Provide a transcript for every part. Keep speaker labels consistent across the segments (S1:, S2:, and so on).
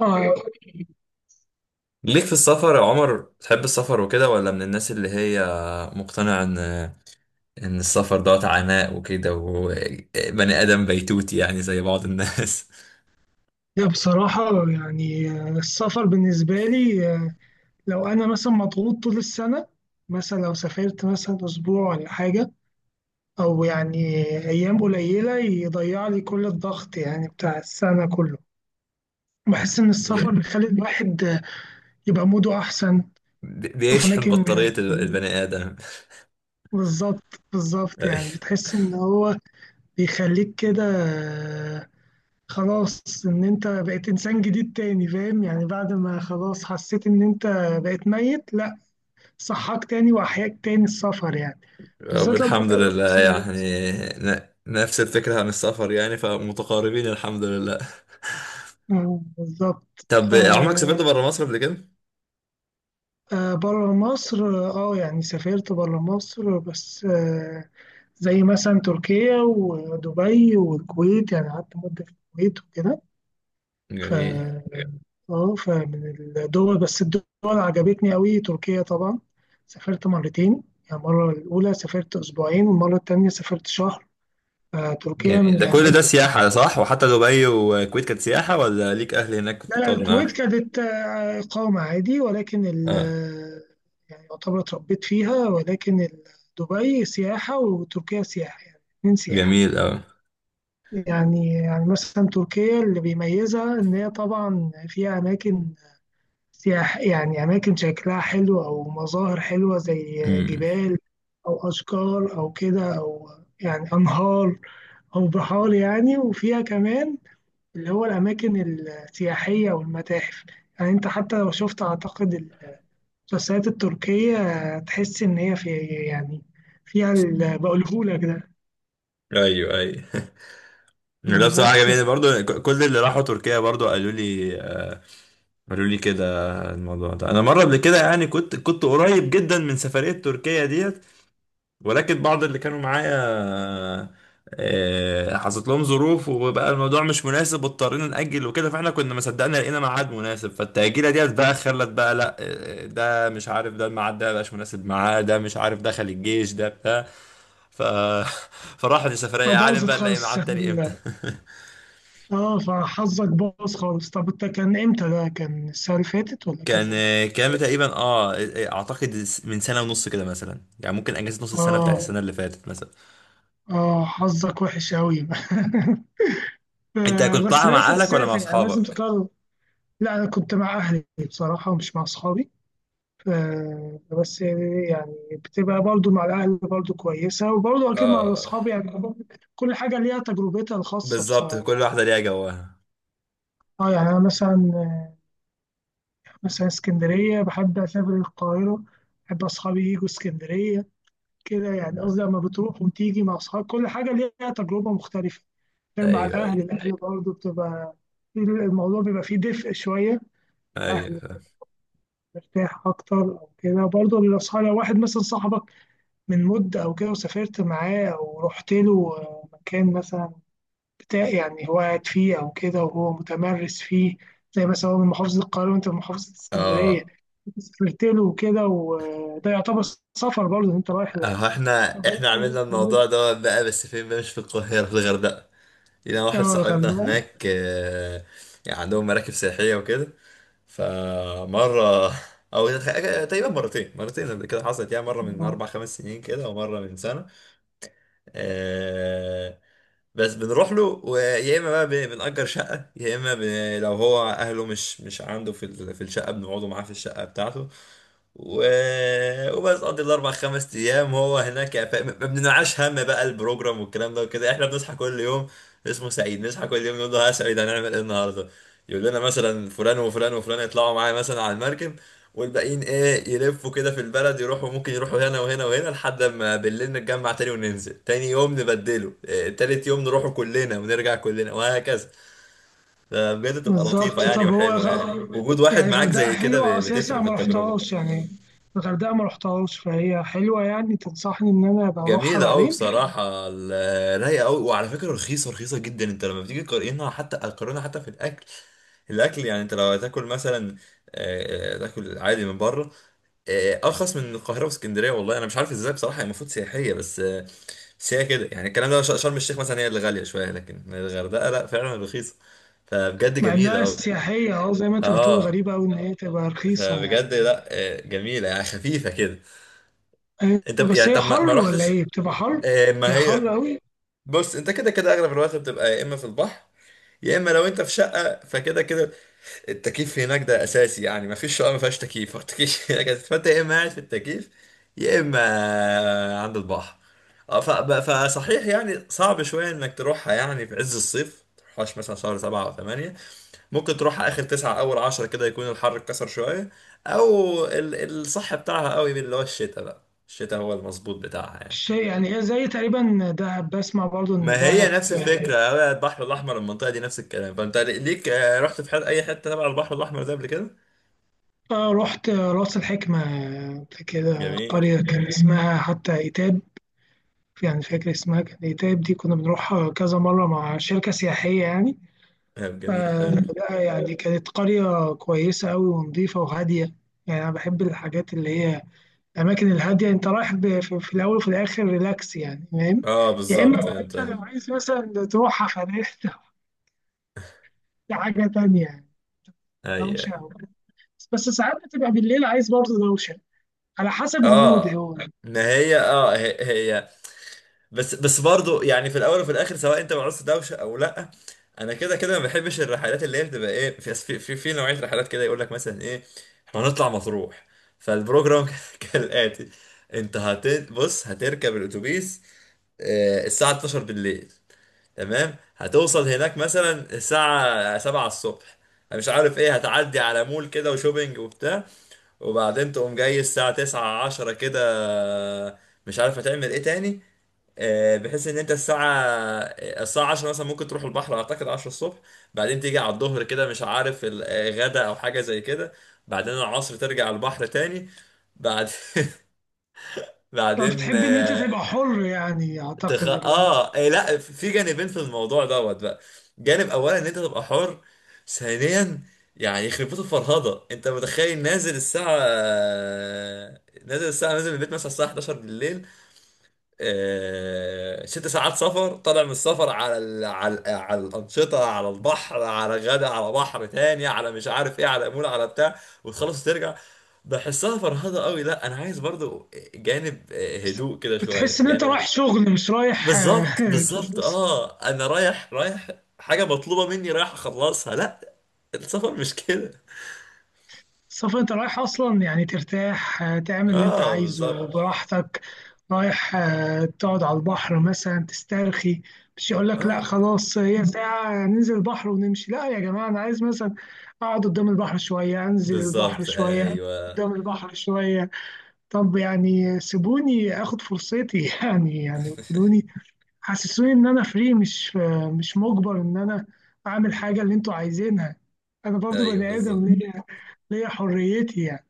S1: آه
S2: ليك في السفر يا عمر، بتحب السفر وكده، ولا من الناس اللي هي مقتنعة ان السفر دوت عناء وكده، وبني ادم بيتوتي يعني زي بعض الناس؟
S1: لا، بصراحة يعني السفر بالنسبة لي، لو أنا مثلا مضغوط طول السنة، مثلا لو سافرت مثلا أسبوع ولا حاجة، أو يعني أيام قليلة يضيع لي كل الضغط يعني بتاع السنة كله. بحس إن السفر
S2: بي-
S1: بيخلي الواحد يبقى موده أحسن، يشوف
S2: بيشحن
S1: أماكن
S2: بطارية
S1: جديدة.
S2: البني ادم.
S1: بالظبط، بالظبط.
S2: أي.
S1: يعني بتحس إن هو بيخليك كده، خلاص ان انت بقيت انسان جديد تاني، فاهم؟ يعني بعد ما خلاص حسيت ان انت بقيت ميت، لا، صحاك تاني واحياك تاني السفر يعني،
S2: رب
S1: بالذات لما
S2: الحمد
S1: تقابل
S2: لله
S1: مثلا ناس كده.
S2: يعني. نفس الفكرة عن السفر يعني، فمتقاربين الحمد لله.
S1: بالظبط.
S2: طب عمرك سافرت بره مصر قبل كده؟
S1: بره مصر. اه، يعني سافرت بره مصر، بس زي مثلا تركيا ودبي والكويت. يعني قعدت مدة في الكويت وكده. ف
S2: جميل.
S1: اه فمن الدول، بس الدول عجبتني قوي تركيا طبعا. سافرت مرتين، يعني المرة الأولى سافرت أسبوعين والمرة التانية سافرت شهر، فتركيا من
S2: جميل، ده كل ده
S1: الأماكن.
S2: سياحة صح؟ وحتى دبي والكويت كانت سياحة، ولا ليك أهل هناك كنت
S1: لا لا،
S2: بتقعد معاهم؟
S1: الكويت كانت إقامة عادي، ولكن
S2: آه.
S1: يعني يعتبر اتربيت فيها، ولكن دبي سياحة وتركيا سياحة، يعني اتنين سياحة.
S2: جميل أوي.
S1: يعني مثلا تركيا اللي بيميزها إن هي طبعا فيها أماكن سياح، يعني أماكن شكلها حلو أو مظاهر حلوة زي
S2: امم.
S1: جبال أو أشجار أو كده، أو يعني أنهار أو بحار، يعني وفيها كمان اللي هو الأماكن السياحية والمتاحف. يعني أنت حتى لو شفت، أعتقد المسلسلات التركية تحس إن هي يعني فيها اللي بقولهولك ده.
S2: أيوه أيوه. لا بصراحة
S1: بس
S2: جميل برضو، كل اللي راحوا تركيا برضو قالوا لي قالوا لي كده. الموضوع ده أنا مرة قبل كده يعني كنت قريب جدا من سفرية تركيا ديت، ولكن بعض اللي كانوا معايا حصلت لهم ظروف وبقى الموضوع مش مناسب، واضطرينا نأجل وكده، فاحنا كنا ما صدقنا لقينا ميعاد مناسب. فالتأجيلة ديت بقى خلت بقى، لا ده مش عارف ده الميعاد ده مبقاش مناسب معاه، ده مش عارف دخل الجيش، ده بتاع. ف فراحت السفرية، يا عالم
S1: فباظت
S2: بقى نلاقي
S1: خالص.
S2: ميعاد تاني امتى.
S1: اه، فحظك باظ خالص. طب انت كان امتى؟ ده كان السنة اللي فاتت ولا كان امتى؟
S2: كان تقريبا، اعتقد من 1.5 سنة كده مثلا، يعني ممكن اجازة نص السنة بتاعت
S1: اه
S2: السنة اللي فاتت مثلا.
S1: اه، حظك وحش قوي.
S2: انت كنت
S1: بس
S2: طالع مع
S1: لازم
S2: اهلك ولا مع
S1: تسافر، يعني لازم
S2: اصحابك؟
S1: تطلع. لا، انا كنت مع اهلي بصراحه ومش مع اصحابي. بس يعني بتبقى برضو مع الاهل برضو كويسه، وبرضو اكيد مع
S2: اه.
S1: الاصحاب. يعني كل حاجه ليها تجربتها الخاصه
S2: بالظبط،
S1: بصراحه
S2: كل
S1: يعني.
S2: واحدة ليها جواها.
S1: اه، يعني انا مثلا مثلا اسكندريه بحب اسافر القاهره، بحب اصحابي يجوا اسكندريه كده. يعني
S2: مم.
S1: قصدي لما بتروح وتيجي مع أصحاب كل حاجة ليها تجربة مختلفة، غير مع
S2: ايوه
S1: الأهل.
S2: ايوه.
S1: الأهل برضه بتبقى الموضوع بيبقى فيه دفء شوية.
S2: ايوه
S1: الأهل
S2: فاهم.
S1: بتبقى مرتاح أكتر أو كده. برضه الأصحاب، لو واحد مثلا صاحبك من مدة أو كده، وسافرت معاه أو رحت له مكان مثلا بتاع يعني هو قاعد فيه أو كده وهو متمرس فيه، زي مثلا هو من محافظة القاهرة وأنت من محافظة اسكندرية،
S2: اه
S1: سافرت له وكده، وده يعتبر سفر برضه، إن أنت رايح
S2: احنا
S1: رايح
S2: احنا
S1: حاجة،
S2: عملنا الموضوع ده بقى، بس فين بقى؟ مش في القاهرة، في الغردقة. لينا واحد
S1: اه
S2: صاحبنا
S1: الغردقة.
S2: هناك. يعني عندهم مراكب سياحية وكده. فمرة او تقريبا مرتين قبل كده حصلت يعني، مرة من
S1: آه،
S2: 4 5 سنين كده، ومرة من سنة آه، بس بنروح له، ويا اما بقى بنأجر شقة، يا اما لو هو اهله مش عنده في الشقة، بنقعدوا معاه في الشقة بتاعته و... وبس. قضي ال4 5 ايام هو هناك. ما بننعاش هم بقى البروجرام والكلام ده وكده، احنا بنصحى كل يوم، اسمه سعيد، نصحى كل يوم نقول له ها يا سعيد، هنعمل ايه النهارده؟ يقول لنا مثلا فلان وفلان وفلان يطلعوا معايا مثلا على المركب، والباقيين ايه يلفوا كده في البلد، يروحوا ممكن يروحوا هنا وهنا وهنا، لحد ما بالليل نتجمع تاني، وننزل تاني يوم نبدله، إيه تالت يوم نروحوا كلنا ونرجع كلنا، وهكذا. ده بجد تبقى لطيفة
S1: بالظبط.
S2: يعني،
S1: طب هو
S2: وحلوة يعني، وجود واحد
S1: يعني
S2: معاك
S1: الغردقة
S2: زي كده
S1: حلوة
S2: بتفرق
S1: أساسا،
S2: في
S1: ما
S2: التجربة.
S1: رحتهاش يعني الغردقة، ما رحتهاش، فهي حلوة. يعني تنصحني إن أنا أبقى أروحها
S2: جميلة قوي
S1: بعدين؟
S2: بصراحة، رايقة قوي، وعلى فكرة رخيصة، رخيصة جدا. انت لما بتيجي تقارنها، حتى تقارنها حتى في الاكل، الاكل يعني انت لو هتاكل مثلا، تاكل عادي من بره، ارخص من القاهره واسكندريه. والله انا مش عارف ازاي بصراحه، هي المفروض سياحيه بس. بس هي كده يعني، الكلام ده شرم الشيخ مثلا هي اللي غاليه شويه، لكن الغردقه لا فعلا رخيصه. فبجد
S1: مع
S2: جميله
S1: إنها
S2: قوي.
S1: سياحية، أه زي ما أنت بتقول،
S2: اه،
S1: غريبة أوي إن هي تبقى رخيصة
S2: فبجد
S1: يعني.
S2: لا جميله يعني، خفيفه كده. انت
S1: بس
S2: يعني
S1: هي
S2: طب ما
S1: حر ولا
S2: رحتش،
S1: إيه؟ بتبقى حر؟
S2: ما
S1: هي
S2: هي.
S1: حر أوي.
S2: بص انت كده كده اغلب الوقت بتبقى يا اما في البحر، يا اما لو انت في شقه فكده كده، التكييف هناك ده اساسي يعني، ما فيش شقه ما فيهاش تكييف، هو التكييف هناك أساسي. فانت يا اما قاعد في التكييف، يا اما عند البحر. فصحيح يعني صعب شويه انك تروحها يعني في عز الصيف، تروحهاش مثلا شهر 7 أو 8، ممكن تروحها آخر 9 أول 10 كده، يكون الحر اتكسر شوية، أو الصح بتاعها قوي اللي هو الشتاء بقى. الشتاء هو المظبوط بتاعها يعني.
S1: يعني هي زي تقريبا دهب، بسمع برضو إن
S2: ما هي
S1: دهب
S2: نفس الفكرة، هو البحر الأحمر المنطقة دي نفس الكلام. فأنت ليك رحت في حد أي حتة تبع البحر الأحمر ده قبل كده؟
S1: رحت راس الحكمة كده،
S2: جميل.
S1: قرية كان اسمها حتى إيتاب. يعني فاكر اسمها كانت ايه، تايب، دي كنا بنروحها كذا مرة مع شركة سياحية يعني.
S2: طب جميل، حلو.
S1: فلا يعني كانت قرية كويسة أوي ونظيفة وهادية. يعني أنا بحب الحاجات اللي هي الأماكن الهادية. أنت رايح في الأول وفي الآخر ريلاكس، يعني فاهم؟
S2: اه
S1: يا إما
S2: بالظبط.
S1: بقى
S2: انت
S1: أنت لو عايز مثلا تروح حفلات، دي حاجة تانية يعني،
S2: اي
S1: دوشة
S2: اي.
S1: أو كده. بس ساعات بتبقى بالليل عايز برضه دوشة، على حسب المود
S2: اه،
S1: هو.
S2: ما هي اه هي بس برضو يعني، في الاول وفي الاخر سواء انت مع نص دوشه او لا، انا كده كده ما بحبش الرحلات اللي هي بتبقى ايه، في نوعيه رحلات كده يقول لك مثلا ايه، احنا هنطلع مطروح، فالبروجرام كالاتي. انت هت بص، هتركب الاتوبيس الساعه 12 بالليل، تمام؟ هتوصل هناك مثلا الساعه 7 الصبح، مش عارف ايه، هتعدي على مول كده وشوبينج وبتاع، وبعدين تقوم جاي الساعة 9 10 كده، مش عارف هتعمل ايه تاني، بحيث ان انت الساعة، الساعة عشرة مثلا ممكن تروح البحر، اعتقد 10 الصبح، بعدين تيجي على الظهر كده، مش عارف الغدا او حاجة زي كده، بعدين العصر ترجع البحر تاني، بعد
S1: طب
S2: بعدين
S1: بتحب إن أنت تبقى حر؟ يعني
S2: تخ...
S1: أعتقد اللي أنا،
S2: اه إيه، لا في جانبين في الموضوع دوت بقى. جانب اولا ان انت تبقى حر، ثانيا يعني يخرب بيت الفرهده، انت متخيل نازل الساعه، نازل من البيت مثلا الساعه 11 بالليل، 6 ساعات سفر، طالع من السفر على على الانشطه، على البحر، على غدا، على بحر تاني، على مش عارف ايه، على مول، على بتاع، وتخلص ترجع. بحسها فرهضة قوي. لا انا عايز برضو جانب
S1: بس
S2: هدوء كده شوية،
S1: بتحس ان انت
S2: جانب.
S1: رايح شغل، مش رايح
S2: بالظبط بالظبط
S1: تدرس.
S2: اه انا رايح، رايح حاجه مطلوبه مني رايح اخلصها؟ لا، السفر مش كده.
S1: السفر انت رايح اصلا يعني ترتاح، تعمل اللي انت
S2: اه
S1: عايزه
S2: بالظبط.
S1: براحتك. رايح تقعد على البحر مثلا، تسترخي. مش يقول لك لا
S2: اه
S1: خلاص، هي ساعة ننزل البحر ونمشي. لا يا جماعة، انا عايز مثلا اقعد قدام البحر شوية، انزل البحر
S2: بالظبط.
S1: شوية،
S2: ايوه
S1: قدام البحر شوية. طب يعني سيبوني اخد فرصتي. يعني خدوني، حسسوني ان انا فري، مش مجبر ان انا اعمل حاجه اللي انتوا عايزينها. انا برضو
S2: ايوه.
S1: بني ادم،
S2: بالظبط.
S1: ليا حريتي يعني.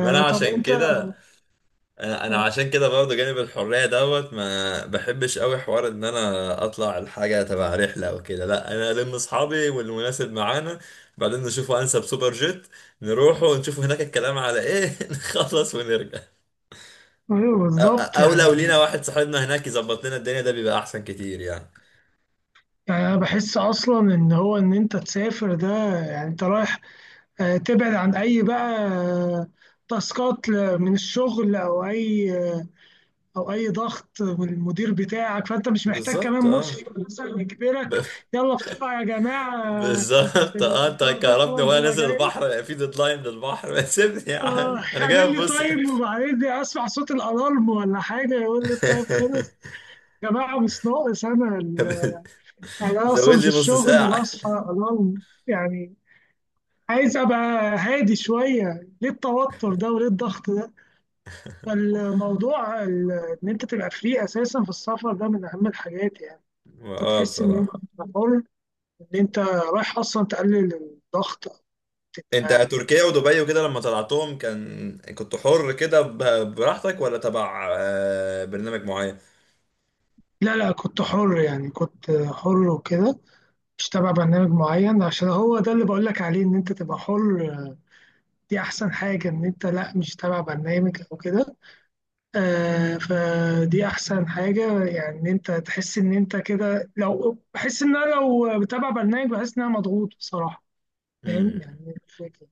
S2: ما انا
S1: طب
S2: عشان
S1: انت،
S2: كده، انا عشان كده برضه، جانب الحريه دوت ما بحبش قوي حوار ان انا اطلع الحاجه تبع رحله او كده، لا، انا الم اصحابي والمناسب معانا، بعدين نشوفوا انسب سوبر جيت، نروحوا ونشوفوا هناك الكلام على ايه، نخلص ونرجع.
S1: ايوه
S2: أو
S1: بالظبط
S2: لو
S1: يعني.
S2: لينا واحد صاحبنا هناك يظبط لنا الدنيا، ده بيبقى أحسن كتير يعني.
S1: يعني انا بحس اصلا ان هو ان انت تسافر ده، يعني انت رايح تبعد عن اي بقى تاسكات من الشغل، او اي او اي ضغط، والمدير بتاعك، فانت مش محتاج كمان
S2: بالظبط اه
S1: مشرف مثلا
S2: ب...
S1: يجبرك: يلا بسرعه يا جماعه،
S2: بالظبط. اه انت
S1: الإذاعة تخلص
S2: كهربني وانا
S1: وأنا
S2: نازل
S1: جاي.
S2: البحر في ديدلاين للبحر، ما سيبني يا عم، انا جاي
S1: يعمل لي
S2: ابص.
S1: تايم، وبعدين اسمع صوت الالارم ولا حاجه يقول لي التايم خلص. يا جماعه مش ناقص انا انا
S2: زود
S1: اصلا في
S2: لي نص
S1: الشغل
S2: ساعة.
S1: بصحى الارم. يعني عايز ابقى هادي شويه، ليه التوتر ده وليه الضغط ده؟ فالموضوع ان انت تبقى فري اساسا في السفر، ده من اهم الحاجات يعني.
S2: اه
S1: هتحس ان انت
S2: بصراحة.
S1: حر، ان انت رايح اصلا تقلل الضغط.
S2: انت
S1: آه،
S2: تركيا ودبي وكده لما طلعتهم كنت حر كده براحتك، ولا تبع برنامج معين؟
S1: لا لا، كنت حر، يعني كنت حر وكده، مش تابع برنامج معين. عشان هو ده اللي بقول لك عليه، ان انت تبقى حر دي احسن حاجة، ان انت لا مش تابع برنامج او كده. فدي احسن حاجة، يعني ان انت تحس ان انت كده. لو بحس ان انا لو بتابع برنامج بحس ان انا مضغوط بصراحة، فاهم
S2: امم.
S1: يعني الفكرة.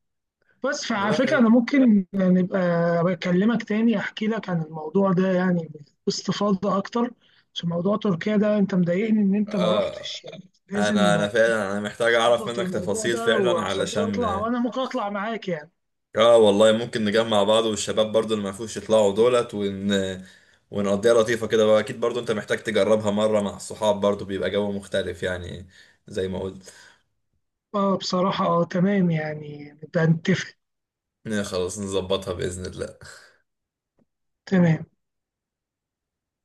S1: بس فعلى
S2: لا،
S1: فكرة،
S2: حلو.
S1: أنا ممكن نبقى بكلمك تاني، أحكي لك عن الموضوع ده يعني باستفاضة أكتر، عشان موضوع تركيا ده أنت مضايقني إن أنت ما
S2: اه
S1: رحتش، يعني لازم
S2: انا فعلا محتاج اعرف
S1: تظبط
S2: منك
S1: الموضوع
S2: تفاصيل
S1: ده،
S2: فعلا
S1: وعشان
S2: علشان.
S1: تطلع وأنا ممكن أطلع معاك يعني.
S2: اه والله ممكن نجمع بعض والشباب برضو اللي ما فيهوش يطلعوا دولت ون، ونقضيها لطيفة كده بقى. اكيد برضو انت محتاج تجربها مرة مع الصحاب، برضو بيبقى جو مختلف يعني، زي ما قلت.
S1: أه بصراحة، أه تمام، يعني نبقى نتفق.
S2: خلاص نظبطها بإذن الله.
S1: تمام.